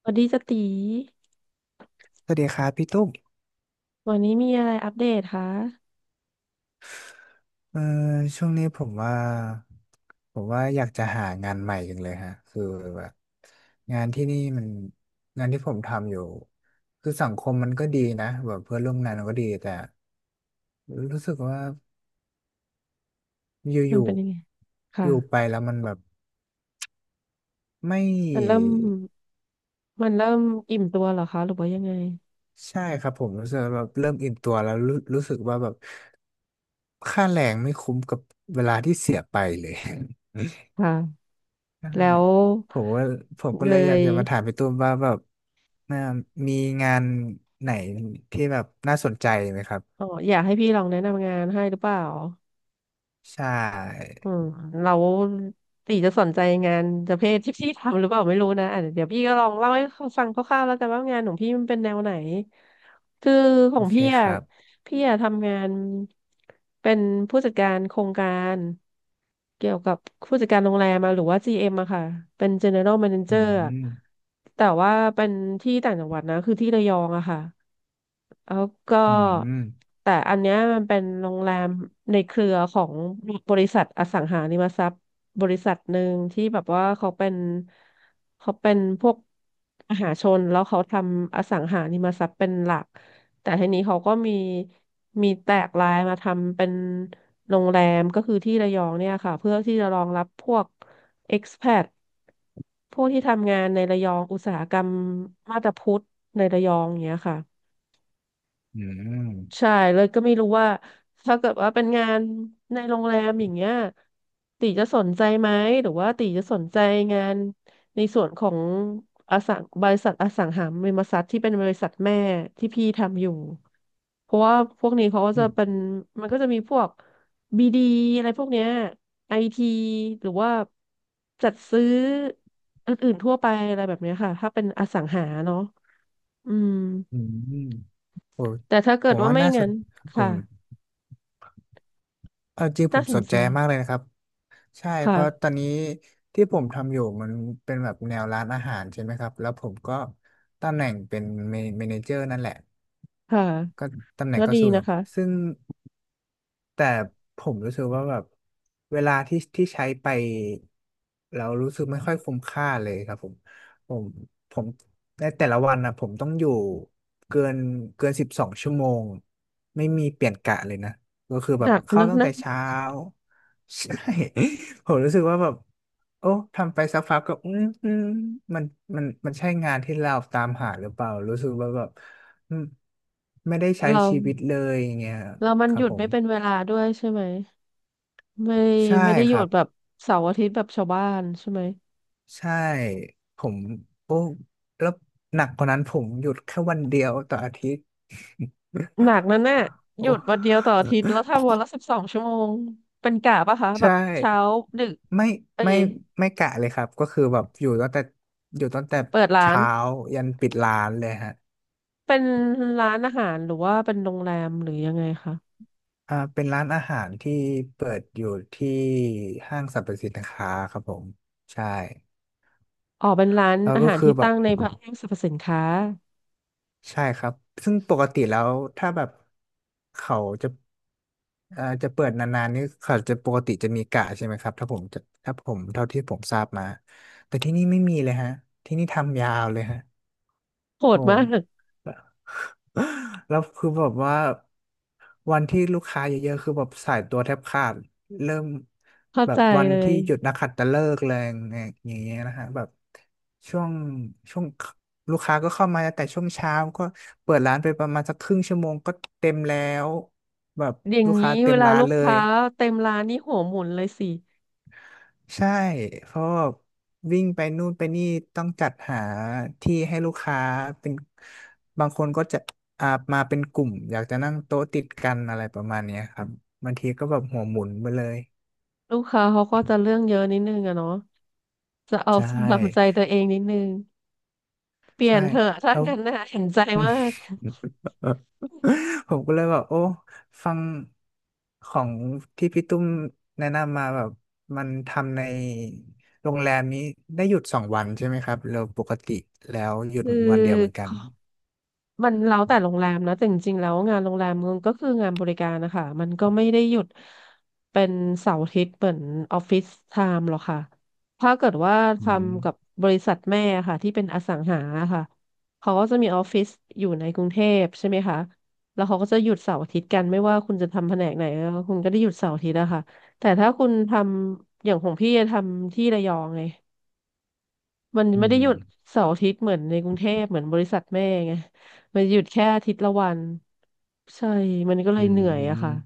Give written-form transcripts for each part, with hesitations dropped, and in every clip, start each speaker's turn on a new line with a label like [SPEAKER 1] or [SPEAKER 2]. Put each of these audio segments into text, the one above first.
[SPEAKER 1] สวัสดีจติ
[SPEAKER 2] สวัสดีครับพี่ตุ้ม
[SPEAKER 1] วันนี้มีอะไรอัปเดตคะ
[SPEAKER 2] เอ่อช่วงนี้ผมว่าอยากจะหางานใหม่จังเลยฮะคือแบบงานที่นี่มันงานที่ผมทำอยู่คือสังคมมันก็ดีนะแบบเพื่อนร่วมงานมันก็ดีแต่รู้สึกว่าอ
[SPEAKER 1] มัน
[SPEAKER 2] ยู่
[SPEAKER 1] เป็นยังไง
[SPEAKER 2] ๆ
[SPEAKER 1] ค่ะ
[SPEAKER 2] อยู่ไปแล้วมันแบบไม่
[SPEAKER 1] มันเริ่ม มันเริ่มอิ่มตัวเหรอคะ หรือว่ายังไง
[SPEAKER 2] ใช่ครับผมรู้สึกว่าแบบเริ่มอิ่มตัวแล้วรู้สึกว่าแบบค่าแรงไม่คุ้มกับเวลาที่เสียไปเลย
[SPEAKER 1] ค่ะ
[SPEAKER 2] ใช่
[SPEAKER 1] แล้ว
[SPEAKER 2] ผมว่าผมก็
[SPEAKER 1] เล
[SPEAKER 2] เลยอยากจะมาถาม
[SPEAKER 1] ย
[SPEAKER 2] พี่ตุ้มว่าแบบเอ่อมีงานไหนที่แบบน่าสนใจไหมครับ
[SPEAKER 1] อ๋ออยากให้พี่ลองแนะนำงานให้หรือเปล่า
[SPEAKER 2] ใช่
[SPEAKER 1] อืมเราตีจะสนใจงานประเภทที่พี่ทำหรือเปล่าไม่รู้นะอ่ะเดี๋ยวพี่ก็ลองเล่าให้ฟังคร่าวๆแล้วกันว่างานของพี่มันเป็นแนวไหนคือขอ
[SPEAKER 2] โอ
[SPEAKER 1] ง
[SPEAKER 2] เค
[SPEAKER 1] พี่
[SPEAKER 2] ค
[SPEAKER 1] อ่ะ
[SPEAKER 2] รับ
[SPEAKER 1] พี่อ่ะทำงานเป็นผู้จัดการโครงการเกี่ยวกับผู้จัดการโรงแรมอะหรือว่า GM อมอะค่ะเป็น General
[SPEAKER 2] อื
[SPEAKER 1] Manager อะ
[SPEAKER 2] ม
[SPEAKER 1] แต่ว่าเป็นที่ต่างจังหวัดนะคือที่ระยองอะค่ะ แล้วก็
[SPEAKER 2] อืม
[SPEAKER 1] แต่อันเนี้ยมันเป็นโรงแรมในเครือของบริษัทอสังหาริมทรัพย์บริษัทหนึ่งที่แบบว่าเขาเป็นพวกมหาชนแล้วเขาทำอสังหาริมทรัพย์เป็นหลักแต่ทีนี้เขาก็มีแตกลายมาทำเป็นโรงแรมก็คือที่ระยองเนี่ยค่ะเพื่อที่จะรองรับพวก expat พวกที่ทำงานในระยองอุตสาหกรรมมาบตาพุธในระยองอย่างเงี้ยค่ะ
[SPEAKER 2] อืม
[SPEAKER 1] ใช่เลยก็ไม่รู้ว่าถ้าเกิดว่าเป็นงานในโรงแรมอย่างเงี้ยตีจะสนใจไหมหรือว่าตีจะสนใจงานในส่วนของอสังบริษัทอสังหาริมทรัพย์ที่เป็นบริษัทแม่ที่พี่ทำอยู่เพราะว่าพวกนี้เขาก็
[SPEAKER 2] อื
[SPEAKER 1] จะเป็น
[SPEAKER 2] ม
[SPEAKER 1] มันก็จะมีพวกบีดีอะไรพวกเนี้ยไอทีหรือว่าจัดซื้ออื่นๆทั่วไปอะไรแบบเนี้ยค่ะถ้าเป็นอสังหาเนาะอืม
[SPEAKER 2] อืมโอ้
[SPEAKER 1] แต่ถ้าเกิ
[SPEAKER 2] ผ
[SPEAKER 1] ด
[SPEAKER 2] ม
[SPEAKER 1] ว่า
[SPEAKER 2] ว่า
[SPEAKER 1] ไม่
[SPEAKER 2] น่าส
[SPEAKER 1] งั้
[SPEAKER 2] น
[SPEAKER 1] น
[SPEAKER 2] ผ
[SPEAKER 1] ค่ะ
[SPEAKER 2] มเอาจริงผ
[SPEAKER 1] น่า
[SPEAKER 2] ม
[SPEAKER 1] ส
[SPEAKER 2] ส
[SPEAKER 1] น
[SPEAKER 2] น
[SPEAKER 1] ใจ
[SPEAKER 2] ใจมากเลยนะครับใช่เพราะต
[SPEAKER 1] ค่ะ
[SPEAKER 2] อนนี้ที่ผมทำอยู่มันเป็นแบบแนวร้านอาหารใช่ไหมครับแล้วผมก็ตำแหน่งเป็นเมเนเจอร์นั่นแหละ
[SPEAKER 1] ค่ะ
[SPEAKER 2] ก็ตำแหน่
[SPEAKER 1] ก็
[SPEAKER 2] งก็
[SPEAKER 1] ดี
[SPEAKER 2] สูงอ
[SPEAKER 1] นะ
[SPEAKER 2] ยู่
[SPEAKER 1] คะ
[SPEAKER 2] ซึ่งแต่ผมรู้สึกว่าแบบเวลาที่ใช้ไปเรารู้สึกไม่ค่อยคุ้มค่าเลยครับผมผมผมในแต่ละวันนะผมต้องอยู่เกินเกิน12 ชั่วโมงไม่มีเปลี่ยนกะเลยนะก็คือแบ
[SPEAKER 1] หนั
[SPEAKER 2] บ
[SPEAKER 1] ก
[SPEAKER 2] เข้า
[SPEAKER 1] นัก
[SPEAKER 2] ตั้ง
[SPEAKER 1] นะ
[SPEAKER 2] แต่เช้า ใช่ ผมรู้สึกว่าแบบโอ้ทำไปสักพักก็อืมอืมมันมันใช่งานที่เราตามหาหรือเปล่ารู้สึกว่าแบบ อืมไม่ได้ใช้
[SPEAKER 1] เรา
[SPEAKER 2] ชีวิตเลยอย่างเงี้ย
[SPEAKER 1] เรามัน
[SPEAKER 2] ค
[SPEAKER 1] ห
[SPEAKER 2] รับ
[SPEAKER 1] ยุด
[SPEAKER 2] ผ
[SPEAKER 1] ไม่
[SPEAKER 2] ม
[SPEAKER 1] เป็นเวลาด้วยใช่ไหมไม่
[SPEAKER 2] ใช่
[SPEAKER 1] ไม่ได้ห
[SPEAKER 2] ค
[SPEAKER 1] ยุ
[SPEAKER 2] รั
[SPEAKER 1] ด
[SPEAKER 2] บ
[SPEAKER 1] แบบเสาร์อาทิตย์แบบชาวบ้านใช่ไหม
[SPEAKER 2] ใช่ผมโอ้แล้วหนักกว่านั้นผมหยุดแค่วันเดียวต่ออาทิตย์
[SPEAKER 1] หนักนั่นน่ะ ห
[SPEAKER 2] โอ้
[SPEAKER 1] ยุดวันเดียวต่ออาทิตย์แล้วทำวันละสิบสองชั่วโมงเป็นกะปะคะแบ
[SPEAKER 2] ใช่
[SPEAKER 1] บเช้าดึก
[SPEAKER 2] ไม่
[SPEAKER 1] เอ้
[SPEAKER 2] ไม่
[SPEAKER 1] ย
[SPEAKER 2] ไม่กะเลยครับก็คือแบบอยู่ตั้งแต่อยู่ตั้งแต่
[SPEAKER 1] เปิดร้าน
[SPEAKER 2] เช้ายันปิดร้านเลยฮะ
[SPEAKER 1] เป็นร้านอาหารหรือว่าเป็นโรงแรมหรือยังไงคะ
[SPEAKER 2] เป็นร้านอาหารที่เปิดอยู่ที่ห้างสรรพสินค้าครับผมใช่
[SPEAKER 1] อ๋อเป็นร้าน
[SPEAKER 2] แล้ว
[SPEAKER 1] อา
[SPEAKER 2] ก็
[SPEAKER 1] หาร
[SPEAKER 2] คือ
[SPEAKER 1] ที่
[SPEAKER 2] แบ
[SPEAKER 1] ตั้
[SPEAKER 2] บ
[SPEAKER 1] งในห้างสรรพสินค้า
[SPEAKER 2] ใช่ครับ ซึ่งปกติแล้วถ้าแบบเขาจะจะเปิดนานๆนี่เขาจะปกติจะมีกะใช่ไหมครับถ้าผมเท่าที่ผมทราบมาแต่ที่นี่ไม่มีเลยฮะที่นี่ทำยาวเลยฮะ
[SPEAKER 1] โหด
[SPEAKER 2] โอ้
[SPEAKER 1] มาก
[SPEAKER 2] แล้วคือแบบว่าวันที่ลูกค้าเยอะๆคือแบบสายตัวแทบขาดเริ่ม
[SPEAKER 1] เข้า
[SPEAKER 2] แบ
[SPEAKER 1] ใจ
[SPEAKER 2] บวัน
[SPEAKER 1] เล
[SPEAKER 2] ที่
[SPEAKER 1] ย
[SPEAKER 2] หยุดนักขัตฤกษ์แรงอย่างเงี้ยนะฮะแบบช่วงช่วงลูกค้าก็เข้ามาแต่ช่วงเช้าก็เปิดร้านไปประมาณสักครึ่งชั่วโมงก็เต็มแล้วแบบ
[SPEAKER 1] อย่าง
[SPEAKER 2] ลูก
[SPEAKER 1] นี้
[SPEAKER 2] ค้าเต็
[SPEAKER 1] เว
[SPEAKER 2] ม
[SPEAKER 1] ลา
[SPEAKER 2] ร้าน
[SPEAKER 1] ลูก
[SPEAKER 2] เล
[SPEAKER 1] ค้า
[SPEAKER 2] ย
[SPEAKER 1] เต็มร้านนี่หัวหมุนเลยสิ
[SPEAKER 2] ใช่ เพราะว่าวิ่งไปนู่นไปนี่ต้องจัดหาที่ให้ลูกค้าเป็นบางคนก็จะอ่ามาเป็นกลุ่มอยากจะนั่งโต๊ะติดกันอะไรประมาณเนี้ยครับบางทีก็แบบหัวหมุนไปเลย
[SPEAKER 1] ลูกค้าเขาก็จะเรื่องเยอะนิดนึงอะเนาะจะเอา
[SPEAKER 2] ใช่
[SPEAKER 1] ตามใจตัวเองนิดนึงเปลี่ย
[SPEAKER 2] ใช่
[SPEAKER 1] นเถอะถ้า
[SPEAKER 2] แล้ว
[SPEAKER 1] งั้นน่ะเห็นใจมาก
[SPEAKER 2] ผมก็เลยแบบโอ้ฟังของที่พี่ตุ้มแนะนำมาแบบมันทำในโรงแรมนี้ได้หยุด2 วันใช่ไหมครับเราปกติแล้วหยุด
[SPEAKER 1] คือ
[SPEAKER 2] วันเดียวเหมือนกัน
[SPEAKER 1] มันแล้วแต่โรงแรมนะแต่จริงๆแล้วงานโรงแรมมันก็คืองานบริการนะคะมันก็ไม่ได้หยุดเป็นเสาร์อาทิตย์เหมือนออฟฟิศไทม์หรอกค่ะถ้าเกิดว่าท
[SPEAKER 2] อืม
[SPEAKER 1] ำกับบริษัทแม่ค่ะที่เป็นอสังหาค่ะเขาก็จะมีออฟฟิศอยู่ในกรุงเทพใช่ไหมคะแล้วเขาก็จะหยุดเสาร์อาทิตย์กันไม่ว่าคุณจะทำแผนกไหนคุณก็ได้หยุดเสาร์อาทิตย์อะค่ะแต่ถ้าคุณทำอย่างของพี่ทำที่ระยองไง มัน
[SPEAKER 2] อื
[SPEAKER 1] ไม่ได้หยุด
[SPEAKER 2] ม
[SPEAKER 1] เสาร์อาทิตย์เหมือนในกรุงเทพเหมือนบริษัทแม่ไงมันหยุดแค่อาทิตย์ละวันใช่มันก็เล
[SPEAKER 2] อื
[SPEAKER 1] ยเหนื่อยอะค่ะ
[SPEAKER 2] ม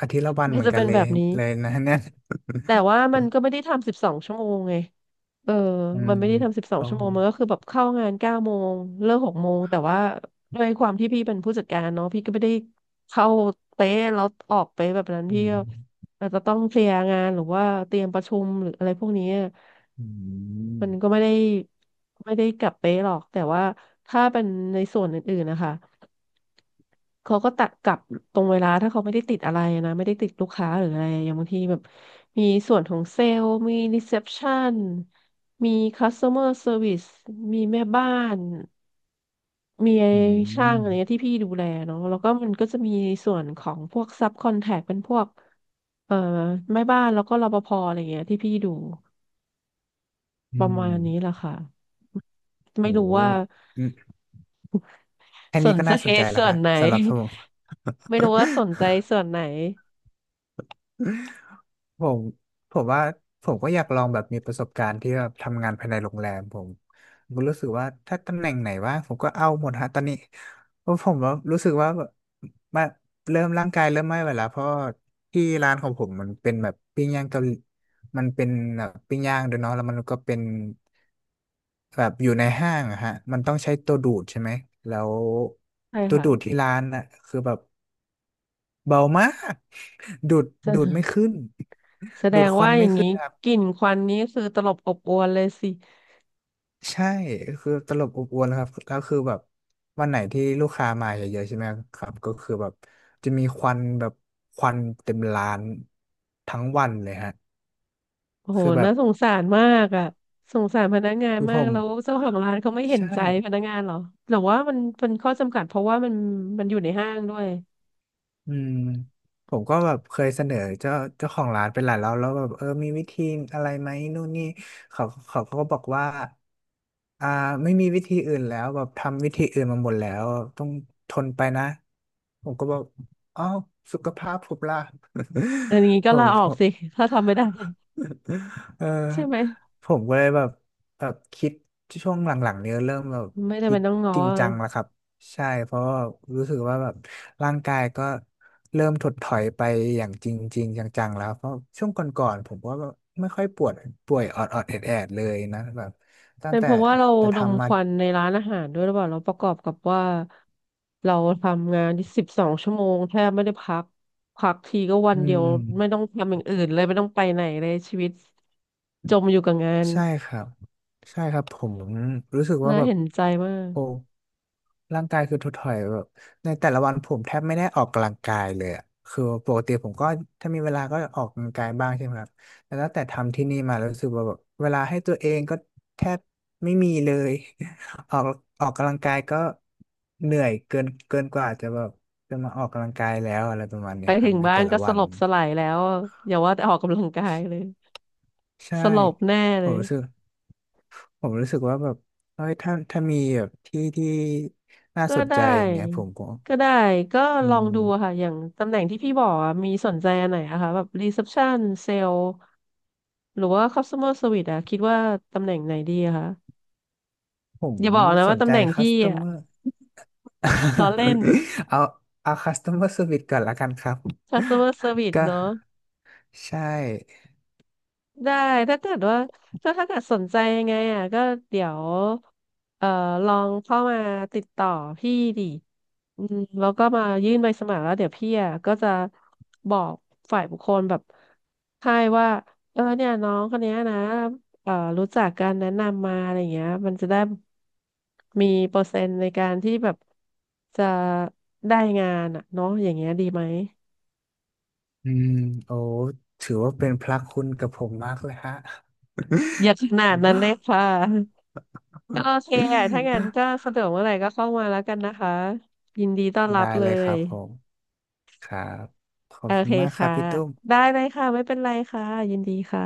[SPEAKER 2] อาทิตย์ละวัน
[SPEAKER 1] ก็
[SPEAKER 2] เหมือน
[SPEAKER 1] จะ
[SPEAKER 2] กั
[SPEAKER 1] เป็
[SPEAKER 2] น
[SPEAKER 1] น
[SPEAKER 2] เล
[SPEAKER 1] แบ
[SPEAKER 2] ย
[SPEAKER 1] บนี้
[SPEAKER 2] เลยนะเนี่ย
[SPEAKER 1] แต่ว่ามันก็ไม่ได้ทำ12 ชั่วโมงไงเออ
[SPEAKER 2] อื
[SPEAKER 1] มัน
[SPEAKER 2] ม
[SPEAKER 1] ไม่ได้ทำสิบสอง
[SPEAKER 2] โอ้
[SPEAKER 1] ชั่วโมงมันก็คือแบบเข้างาน9 โมงเลิก6 โมงแต่ว่าด้วยความที่พี่เป็นผู้จัดการเนาะพี่ก็ไม่ได้เข้าเป๊ะแล้วออกเป๊ะแบบนั้น
[SPEAKER 2] อื
[SPEAKER 1] พี่ก็
[SPEAKER 2] ม
[SPEAKER 1] อาจจะต้องเคลียร์งานหรือว่าเตรียมประชุมหรืออะไรพวกนี้
[SPEAKER 2] อื
[SPEAKER 1] มันก็
[SPEAKER 2] ม
[SPEAKER 1] ไม่ได้กลับเป๊ะหรอกแต่ว่าถ้าเป็นในส่วนอื่นๆนะคะเขาก็ตัดกลับตรงเวลาถ้าเขาไม่ได้ติดอะไรนะไม่ได้ติดลูกค้าหรืออะไรอย่างบางทีแบบมีส่วนของเซลล์มีรีเซพชันมี customer service มีแม่บ้านมี
[SPEAKER 2] อื
[SPEAKER 1] ช่างอะไรเงี้ย
[SPEAKER 2] ม
[SPEAKER 1] ที่พี่ดูแลเนาะแล้วก็มันก็จะมีส่วนของพวกซับคอนแทคเป็นพวกเอ่อแม่บ้านแล้วก็รปภอะไรเงี้ยที่พี่ดู
[SPEAKER 2] อื
[SPEAKER 1] ประมาณนี้แหละ
[SPEAKER 2] ม
[SPEAKER 1] ค่ะ
[SPEAKER 2] โห
[SPEAKER 1] ไม่รู้ว่า
[SPEAKER 2] อืมแค่
[SPEAKER 1] ส
[SPEAKER 2] นี้
[SPEAKER 1] น
[SPEAKER 2] ก็
[SPEAKER 1] ใจ
[SPEAKER 2] น่าสนใจ แล้ว
[SPEAKER 1] ส่วน
[SPEAKER 2] ค่ะ
[SPEAKER 1] ไหน
[SPEAKER 2] สำหรับผม
[SPEAKER 1] ไม่รู้ว่าสนใจส่วนไหน
[SPEAKER 2] ผมผมว่าผมก็อยากลองแบบมีประสบการณ์ที่แบบทำงานภายในโรงแรมผมก็รู้สึกว่าถ้าตำแหน่งไหนว่างผมก็เอาหมดฮะตอนนี้เพราะผมว่ารู้สึกว่าแบบมาเริ่มร่างกายเริ่มไม่ไหวแล้วเพราะที่ร้านของผมมันเป็นแบบปิ้งย่างเกาหลีมันเป็นแบบปิ้งย่างด้วยเนาะแล้วมันก็เป็นแบบอยู่ในห้างอะฮะมันต้องใช้ตัวดูดใช่ไหมแล้ว
[SPEAKER 1] ใช่
[SPEAKER 2] ตัว
[SPEAKER 1] ค่ะ
[SPEAKER 2] ดูดที่ร้านอ่ะคือแบบ เบามากดูดดูดไม่
[SPEAKER 1] แส
[SPEAKER 2] ขึ้น
[SPEAKER 1] แสด
[SPEAKER 2] ดูด
[SPEAKER 1] ง
[SPEAKER 2] ควั
[SPEAKER 1] ว่า
[SPEAKER 2] น
[SPEAKER 1] อ
[SPEAKER 2] ไม่
[SPEAKER 1] ย่าง
[SPEAKER 2] ขึ้
[SPEAKER 1] นี้
[SPEAKER 2] นครับ
[SPEAKER 1] กลิ่นควันนี้คือตลบอบอวนเลยสิ
[SPEAKER 2] ใช่คือตลบอบอวนแลวครับแล้วคือแบบวันไหนที่ลูกค้ามาเยอะๆใช่ไหมครับก็คือแบบจะมีควันแบบควันเต็มร้านทั้งวันเลยฮะ
[SPEAKER 1] โอ้โห
[SPEAKER 2] คือแบ
[SPEAKER 1] น่า
[SPEAKER 2] บ
[SPEAKER 1] สงสารมากอ่ะสงสารพนักงาน
[SPEAKER 2] คือ
[SPEAKER 1] มา
[SPEAKER 2] ผ
[SPEAKER 1] ก
[SPEAKER 2] ม
[SPEAKER 1] แล้วเจ้าของร้านเขาไม่เห็น
[SPEAKER 2] ใช่
[SPEAKER 1] ใจพนักงานเหรอหรือว่ามันเป็นข้อจำกัดเพราะว่ามันอยู่ในห้างด้วย
[SPEAKER 2] อืมผมก็แบบเคยเสนอเจ้าของร้านไปหลายรอบแล้วแบบเออมีวิธีอะไรไหมนู่นนี่เขาก็บอกว่า อ่าไม่มีวิธีอื่นแล้วแบบทำวิธีอื่นมาหมดแล้วต้องทนไปนะผมก็บอกอ้าวสุขภาพผมล่ะ
[SPEAKER 1] อันนี้ ก็
[SPEAKER 2] ผ
[SPEAKER 1] ลา
[SPEAKER 2] ม
[SPEAKER 1] อ
[SPEAKER 2] ผ
[SPEAKER 1] อก
[SPEAKER 2] ม
[SPEAKER 1] สิ ถ้าทำไม่ได้
[SPEAKER 2] เออ
[SPEAKER 1] ใช่ไหม
[SPEAKER 2] ผมก็เลยแบบคิดช่วงหลังๆเนี้ยเริ่มแบบ
[SPEAKER 1] ไม่ได้
[SPEAKER 2] คิ
[SPEAKER 1] เป็
[SPEAKER 2] ด
[SPEAKER 1] นต้องง้อ
[SPEAKER 2] จริงจังแล้วครับใช่เพราะว่ารู้สึกว่าแบบร่างกายก็เริ่มถดถอยไปอย่างจริงจริงจังๆแล้วเพราะช่วงก่อนๆผมก็ไม่ค่อยปวดป่วยออดๆแอดๆเลยนะแบบตั้ง
[SPEAKER 1] เป็น
[SPEAKER 2] แต่
[SPEAKER 1] เพราะว่าเราดม
[SPEAKER 2] ทำ
[SPEAKER 1] ค
[SPEAKER 2] มา
[SPEAKER 1] วันในร้านอาหารด้วยหรือเปล่าเราประกอบกับว่าเราทำงานที่12 ชั่วโมงแทบไม่ได้พักพักทีก็วัน
[SPEAKER 2] อื
[SPEAKER 1] เดียว
[SPEAKER 2] ม
[SPEAKER 1] ไม่ต้องทำอย่างอื่นเลยไม่ต้องไปไหนเลยชีวิตจมอยู่กับงาน
[SPEAKER 2] ใช่ครับใช่ครับผมรู้สึกว่า
[SPEAKER 1] น่า
[SPEAKER 2] แบบ
[SPEAKER 1] เห็นใจมาก
[SPEAKER 2] โอ้ร่างกายคือถดถอยแบบในแต่ละวันผมแทบไม่ได้ออกกำลังกายเลยอะคือปกติผมก็ถ้ามีเวลาก็ออกกำลังกายบ้างใช่ไหมครับแต่ตั้งแต่ทำที่นี่มารู้สึกว่าแบบเวลาให้ตัวเองก็แทบไม่มีเลย ออกกำลังกายก็เหนื่อยเกินกว่าจะแบบจะมาออกกำลังกายแล้วอะไรประมาณ
[SPEAKER 1] ไป
[SPEAKER 2] นี้ครั
[SPEAKER 1] ถึ
[SPEAKER 2] บ
[SPEAKER 1] ง
[SPEAKER 2] ใน
[SPEAKER 1] บ้า
[SPEAKER 2] แต่
[SPEAKER 1] น
[SPEAKER 2] ละ
[SPEAKER 1] ก็ส
[SPEAKER 2] วัน
[SPEAKER 1] ลบสลายแล้วอย่าว่าแต่ออกกำลังกายเลย
[SPEAKER 2] ใช่
[SPEAKER 1] สลบแน่
[SPEAKER 2] ผ
[SPEAKER 1] เล
[SPEAKER 2] ม
[SPEAKER 1] ย
[SPEAKER 2] รู้สึก รู้สึกว่าแบบเอ้ยถ้ามีแบบที่น่า
[SPEAKER 1] ก็
[SPEAKER 2] สน
[SPEAKER 1] ได้
[SPEAKER 2] ใจอย่างเงี้ยผมก็
[SPEAKER 1] ก็ได้ก็
[SPEAKER 2] อื
[SPEAKER 1] ลองดูอะค่ะ
[SPEAKER 2] ม
[SPEAKER 1] อย่างตำแหน่งที่พี่บอกอะมีสนใจอันไหนอะคะแบบรีเซพชันเซล หรือว่า customer service อะคิดว่าตำแหน่งไหนดีอะคะ
[SPEAKER 2] ผม
[SPEAKER 1] อย่าบอกนะ
[SPEAKER 2] ส
[SPEAKER 1] ว่า
[SPEAKER 2] น
[SPEAKER 1] ตำ
[SPEAKER 2] ใจ
[SPEAKER 1] แหน่ง
[SPEAKER 2] คั
[SPEAKER 1] พี่
[SPEAKER 2] ส t ต
[SPEAKER 1] อะ
[SPEAKER 2] m อร์
[SPEAKER 1] ล้อเล่น
[SPEAKER 2] เอาเอาคัส t ต m อร์ e r วิ e ก่อนละกันครับ
[SPEAKER 1] customer service
[SPEAKER 2] ก็
[SPEAKER 1] เนาะ
[SPEAKER 2] ใช่
[SPEAKER 1] ได้ถ้าเกิดว่าถ้าเกิดสนใจยังไงอ่ะก็เดี๋ยวเอ่อลองเข้ามาติดต่อพี่ดิอืมแล้วก็มายื่นใบสมัครแล้วเดี๋ยวพี่อ่ะก็จะบอกฝ่ายบุคคลแบบให้ว่าเออเนี่ยน้องคนเนี้ยนะรู้จักการแนะนำมาอะไรเงี้ยมันจะได้มีเปอร์เซ็นต์ในการที่แบบจะได้งานอ่ะเนาะอย่างเงี้ยดีไหม
[SPEAKER 2] อืมโอ้ถือว่าเป็นพระคุณกับผมมากเลยฮะ
[SPEAKER 1] อย่าขนาดนั้นเลย ค่ะ ก็โอเคอ่ะถ้างั้นก็สะดวกเมื่อไหร่ก็เข้ามาแล้วกันนะคะ ยินดีต้อนรั
[SPEAKER 2] ได้
[SPEAKER 1] บเล
[SPEAKER 2] เลยครั
[SPEAKER 1] ย
[SPEAKER 2] บผมครับขอบ
[SPEAKER 1] โอ
[SPEAKER 2] คุ
[SPEAKER 1] เค
[SPEAKER 2] ณมากครับ
[SPEAKER 1] ค่ะ
[SPEAKER 2] พี่ตุ้ม
[SPEAKER 1] ได้เลยค่ะ ไม่เป็นไรค่ะ ยินดีค่ะ